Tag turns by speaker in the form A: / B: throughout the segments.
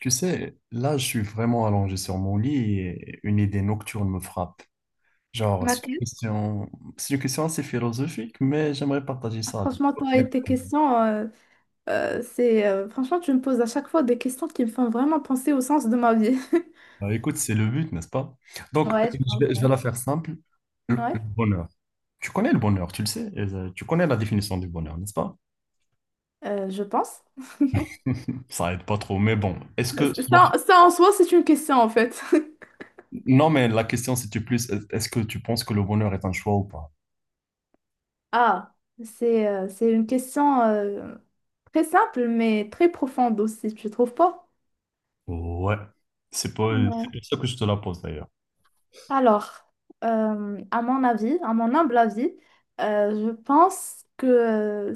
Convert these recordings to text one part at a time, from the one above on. A: Tu sais, là, je suis vraiment allongé sur mon lit et une idée nocturne me frappe. Genre,
B: Ma question-
A: c'est une question assez philosophique, mais j'aimerais partager ça avec
B: Franchement,
A: toi.
B: toi et tes questions, c'est franchement, tu me poses à chaque fois des questions qui me font vraiment penser au sens de ma vie.
A: Bah, écoute, c'est le but, n'est-ce pas? Donc,
B: Ouais, je pense.
A: je
B: Ouais,
A: vais la faire simple. Le
B: ouais,
A: bonheur. Tu connais le bonheur, tu le sais. Tu connais la définition du bonheur, n'est-ce pas?
B: je pense.
A: Ça aide pas trop, mais bon.
B: Ça en soi, c'est une question en fait.
A: Non, mais la question, c'était plus, est-ce que tu penses que le bonheur est un choix ou pas?
B: Ah, c'est une question très simple, mais très profonde aussi, tu trouves pas?
A: Ouais. C'est pas, c'est
B: Ouais.
A: pour ça que je te la pose, d'ailleurs.
B: Alors, à mon avis, à mon humble avis, je pense que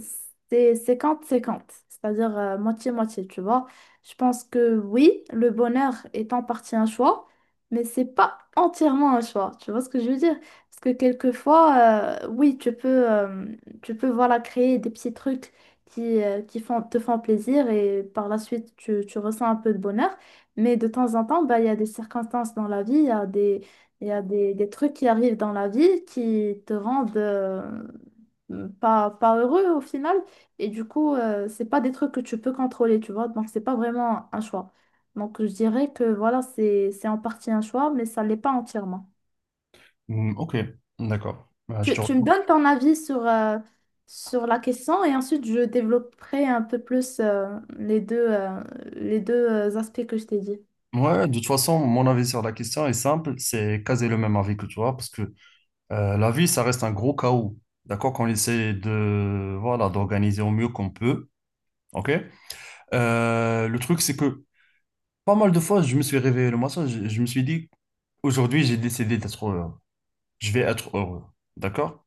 B: c'est 50-50, c'est-à-dire moitié-moitié, tu vois. Je pense que oui, le bonheur est en partie un choix, mais c'est pas entièrement un choix, tu vois ce que je veux dire? Parce que quelquefois, oui, tu peux voilà, créer des petits trucs qui te font plaisir, et par la suite, tu ressens un peu de bonheur. Mais de temps en temps, bah, il y a des circonstances dans la vie, il y a des il y a des trucs qui arrivent dans la vie qui te rendent pas heureux au final. Et du coup, c'est pas des trucs que tu peux contrôler, tu vois. Donc, c'est pas vraiment un choix. Donc, je dirais que voilà, c'est en partie un choix, mais ça l'est pas entièrement.
A: Hmm, ok, d'accord. Bah, je
B: Tu,
A: te
B: tu me donnes ton avis sur la question, et ensuite je développerai un peu plus les deux aspects que je t'ai dit.
A: Ouais, de toute façon, mon avis sur la question est simple, c'est quasi le même avis que toi, parce que la vie, ça reste un gros chaos, d'accord, qu'on essaie de, voilà, d'organiser au mieux qu'on peut, ok? Le truc, c'est que pas mal de fois, je me suis réveillé le matin, je me suis dit, aujourd'hui, j'ai décidé d'être heureux, je vais être heureux, d'accord?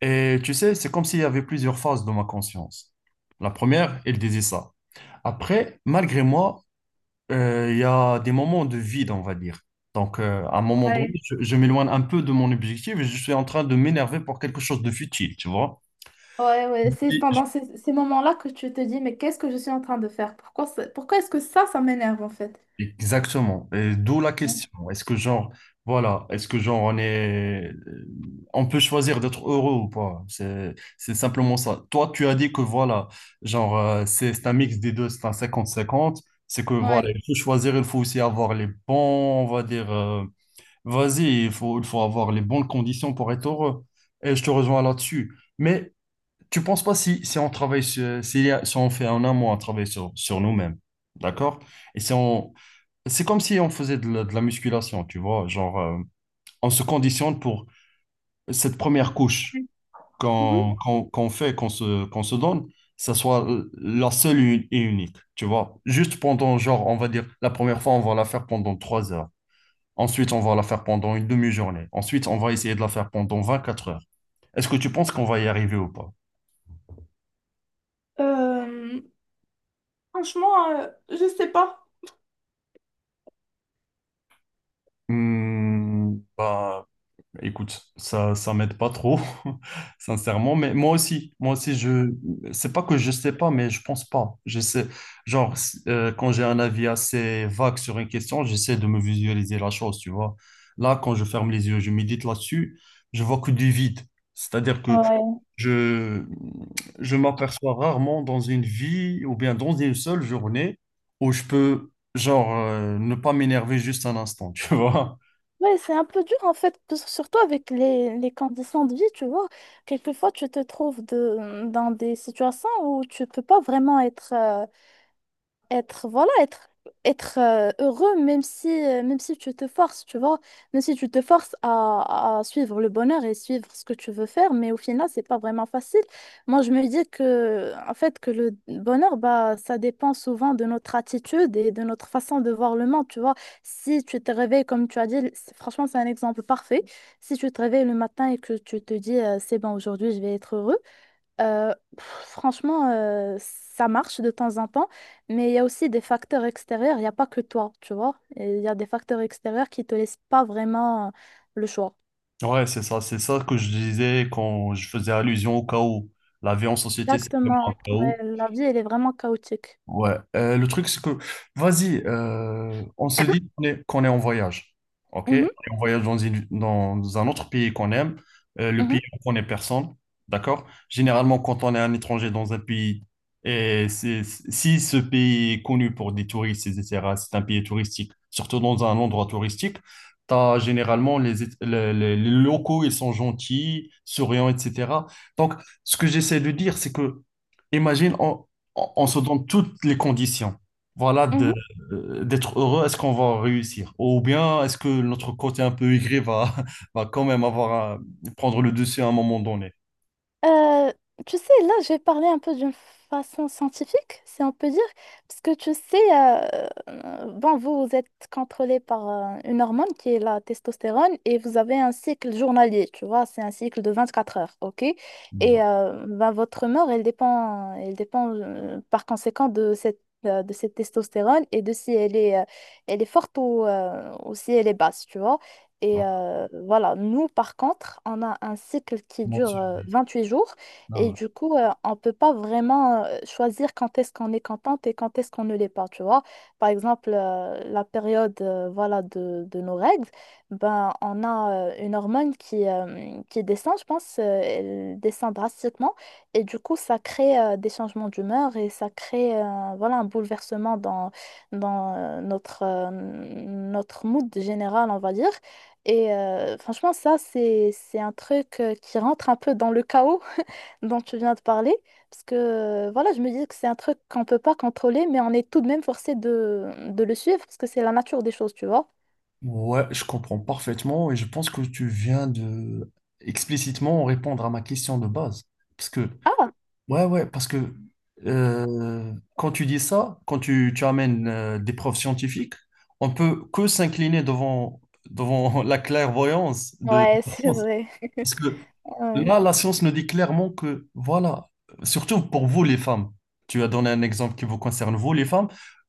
A: Et tu sais, c'est comme s'il y avait plusieurs phases de ma conscience. La première, elle disait ça. Après, malgré moi, il y a des moments de vide, on va dire. Donc, à un moment donné, je m'éloigne un peu de mon objectif et je suis en train de m'énerver pour quelque chose de futile, tu vois?
B: Ouais, ouais, c'est
A: Et-
B: pendant ces moments-là que tu te dis, mais qu'est-ce que je suis en train de faire? Pourquoi, pourquoi est-ce que ça m'énerve en fait?
A: Exactement. Et d'où la
B: Ouais.
A: question. Est-ce que genre, voilà, est-ce que genre on peut choisir d'être heureux ou pas? C'est simplement ça. Toi, tu as dit que voilà, genre, c'est un mix des deux, c'est un 50 50. C'est que voilà,
B: Ouais.
A: il faut choisir, il faut aussi avoir les bons, on va dire. Vas-y, il faut avoir les bonnes conditions pour être heureux. Et je te rejoins là-dessus. Mais tu penses pas si, si on travaille si, on fait un amont à travailler sur nous-mêmes, d'accord? Et si on, c'est comme si on faisait de la musculation, tu vois, genre on se conditionne pour cette première couche
B: Mhm.
A: qu'on fait, qu'on se donne, ça soit la seule et unique, tu vois. Juste pendant, genre, on va dire, la première fois, on va la faire pendant 3 heures. Ensuite, on va la faire pendant une demi-journée. Ensuite, on va essayer de la faire pendant 24 heures. Est-ce que tu penses qu'on va y arriver ou pas?
B: Euh, Franchement, je sais pas.
A: Hmm, bah, écoute, ça m'aide pas trop, sincèrement. Mais c'est pas que je sais pas, mais je pense pas. Je sais, genre, quand j'ai un avis assez vague sur une question, j'essaie de me visualiser la chose, tu vois. Là, quand je ferme les yeux, je médite là-dessus, je vois que du vide. C'est-à-dire que
B: Ouais,
A: je, je m'aperçois rarement dans une vie ou bien dans une seule journée où je peux, genre, ne pas m'énerver juste un instant, tu vois.
B: ouais, c'est un peu dur en fait, que surtout avec les conditions de vie, tu vois. Quelquefois, tu te trouves de, dans des situations où tu peux pas vraiment être être voilà être heureux, même si tu te forces tu vois même si tu te forces à suivre le bonheur et suivre ce que tu veux faire. Mais au final, c'est pas vraiment facile. Moi, je me dis que en fait que le bonheur, bah, ça dépend souvent de notre attitude et de notre façon de voir le monde, tu vois. Si tu te réveilles, comme tu as dit, franchement, c'est un exemple parfait. Si tu te réveilles le matin et que tu te dis c'est bon, aujourd'hui je vais être heureux, franchement, ça marche de temps en temps, mais il y a aussi des facteurs extérieurs. Il n'y a pas que toi, tu vois. Et il y a des facteurs extérieurs qui te laissent pas vraiment le choix.
A: Ouais, c'est ça que je disais quand je faisais allusion au chaos. La vie en société, c'est vraiment un
B: Exactement.
A: chaos.
B: Ouais, la vie, elle est vraiment chaotique.
A: Ouais, le truc c'est que, vas-y, on se dit qu'on est en voyage, ok? On
B: Mhm,
A: est en voyage dans un autre pays qu'on aime, le
B: mhm.
A: pays où on connaît personne, d'accord? Généralement, quand on est un étranger dans un pays, et c'est- si ce pays est connu pour des touristes, etc., c'est un pays touristique, surtout dans un endroit touristique, t'as généralement les locaux, ils sont gentils, souriants, etc. Donc, ce que j'essaie de dire, c'est que, imagine, on se donne toutes les conditions, voilà,
B: Mhm.
A: d'être heureux, est-ce qu'on va réussir? Ou bien est-ce que notre côté un peu aigri va, va quand même avoir à prendre le dessus à un moment donné?
B: Euh, tu sais, là, je vais parler un peu d'une façon scientifique, si on peut dire, parce que tu sais, bon, vous êtes contrôlé par une hormone qui est la testostérone, et vous avez un cycle journalier, tu vois, c'est un cycle de 24 heures, ok?
A: Ouais,
B: Et ben, votre humeur, elle dépend par conséquent de cette testostérone, et de si elle est forte ou si elle est basse, tu vois. Et
A: non,
B: euh, voilà, nous, par contre, on a un cycle qui
A: non,
B: dure
A: c'est-
B: 8 jours, et
A: non, ouais.
B: du coup, on ne peut pas vraiment choisir quand est-ce qu'on est contente et quand est-ce qu'on ne l'est pas, tu vois. Par exemple, la période voilà, de nos règles, ben, on a une hormone qui descend, je pense, elle descend drastiquement, et du coup, ça crée des changements d'humeur, et ça crée voilà, un bouleversement dans, notre mood général, on va dire. Et franchement, ça, c'est un truc qui rentre un peu dans le chaos dont tu viens de parler. Parce que, voilà, je me dis que c'est un truc qu'on ne peut pas contrôler, mais on est tout de même forcé de le suivre, parce que c'est la nature des choses, tu vois.
A: Ouais, je comprends parfaitement et je pense que tu viens de explicitement répondre à ma question de base. Parce que
B: Ah,
A: Ouais, ouais, parce que quand tu dis ça, tu amènes des preuves scientifiques, on peut que s'incliner devant, devant la clairvoyance de
B: ouais,
A: la
B: c'est
A: science.
B: vrai.
A: Parce que
B: Ouais.
A: là, la science nous dit clairement que, voilà, surtout pour vous les femmes, tu as donné un exemple qui vous concerne, vous les femmes,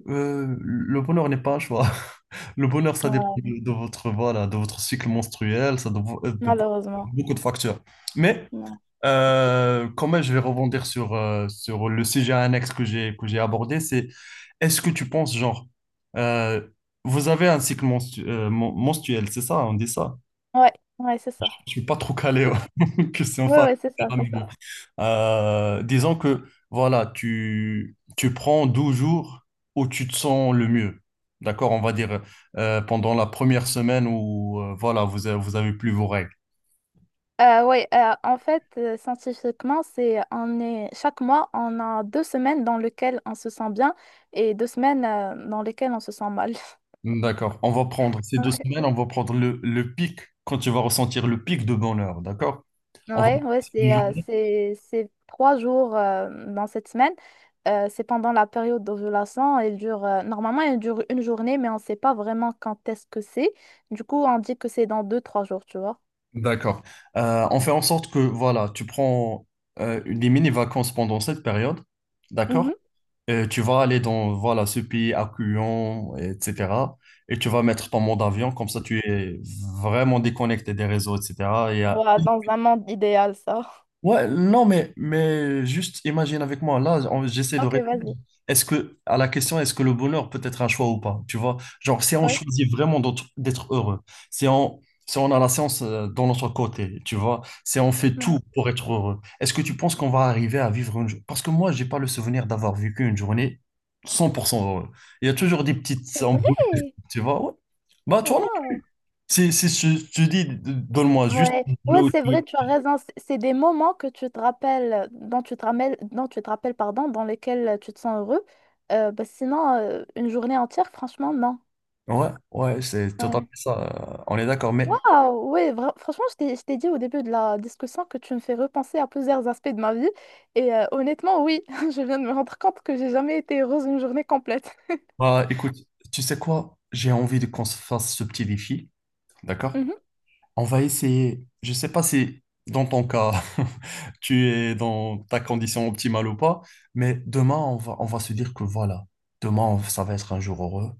A: le bonheur n'est pas un choix. Le bonheur, ça dépend
B: Ouais,
A: de votre, voilà, de votre cycle menstruel, ça dépend de
B: malheureusement.
A: beaucoup de facteurs. Mais
B: Ouais,
A: quand même, je vais rebondir sur le sujet annexe que j'ai abordé. C'est est-ce que tu penses, genre, euh, vous avez un cycle mensuel, c'est ça, on dit ça?
B: ouais, ouais, c'est
A: Je
B: ça.
A: suis pas trop calé, ouais. que c'est
B: Ouais,
A: enfin.
B: ouais, c'est ça, c'est
A: Mais bon.
B: ça.
A: Disons que voilà, tu prends 12 jours où tu te sens le mieux. D'accord, on va dire pendant la première semaine où voilà, vous avez plus vos règles.
B: Ouais, en fait, scientifiquement, c'est on est chaque mois, on a 2 semaines dans lesquelles on se sent bien, et 2 semaines dans lesquelles on se sent mal.
A: D'accord. On va prendre ces deux semaines, on va prendre le pic, quand tu vas ressentir le pic de bonheur, d'accord? On va...
B: Ouais, ouais,
A: Des
B: c'est
A: journées
B: 3 jours dans cette semaine. C'est pendant la période d'ovulation. Elle dure normalement elle dure 1 journée, mais on ne sait pas vraiment quand est-ce que c'est. Du coup, on dit que c'est dans 2, 3 jours, tu vois.
A: D'accord. On fait en sorte que, voilà, tu prends des mini-vacances pendant cette période, d'accord?
B: Mhm.
A: Tu vas aller dans, voilà, ce pays accueillant, etc. Et tu vas mettre ton mot d'avion, comme ça tu es vraiment déconnecté des réseaux, etc. Il y a
B: Ouais, dans un monde idéal, ça.
A: Ouais, non, mais juste imagine avec moi, j'essaie de
B: Ok,
A: répondre.
B: vas-y.
A: Est-ce que, à la question, est-ce que le bonheur peut être un choix ou pas? Tu vois, genre, si on
B: Oui.
A: choisit vraiment d'être heureux, si on, si on a la science dans notre côté, tu vois, si on fait
B: Ouais.
A: tout pour être heureux, est-ce que tu penses qu'on va arriver à vivre une journée? Parce que moi, j'ai pas le souvenir d'avoir vécu une journée 100% heureux. Il y a toujours des petites
B: C'est
A: embrouilles,
B: vrai.
A: tu vois, ouais. Bah, toi, non.
B: Wow.
A: Si je te dis, donne-moi juste
B: Ouais, ouais, c'est vrai, tu as raison. C'est des moments que tu te rappelles, dont tu te rappelles, pardon, dans lesquels tu te sens heureux. Bah, sinon, une journée entière, franchement, non.
A: Ouais, ouais, c'est
B: Ouais.
A: totalement ça. On est d'accord. Mais
B: Waouh, ouais, franchement, je t'ai dit au début de la discussion que tu me fais repenser à plusieurs aspects de ma vie. Et honnêtement, oui, je viens de me rendre compte que j'ai jamais été heureuse une journée complète.
A: bah, écoute, tu sais quoi? J'ai envie de qu'on se fasse ce petit défi. D'accord?
B: Mhm.
A: On va essayer. Je sais pas si dans ton cas, tu es dans ta condition optimale ou pas, mais demain, on va se dire que voilà, ça va être un jour heureux.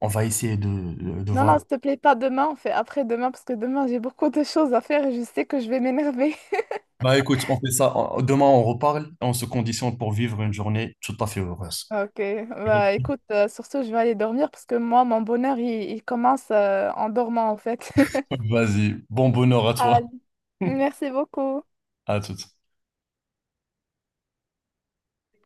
A: On va essayer de
B: Non,
A: voir.
B: non, s'il te plaît, pas demain, on fait après demain, parce que demain, j'ai beaucoup de choses à faire et je sais que je vais m'énerver.
A: Bah écoute, on fait ça. Demain, on reparle. On se conditionne pour vivre une journée tout à fait heureuse.
B: Ok, bah écoute, sur ce, je vais aller dormir, parce que moi, mon bonheur, il commence en dormant en fait.
A: Vas-y, bon bonheur à toi.
B: Allez. Merci beaucoup.
A: À toutes.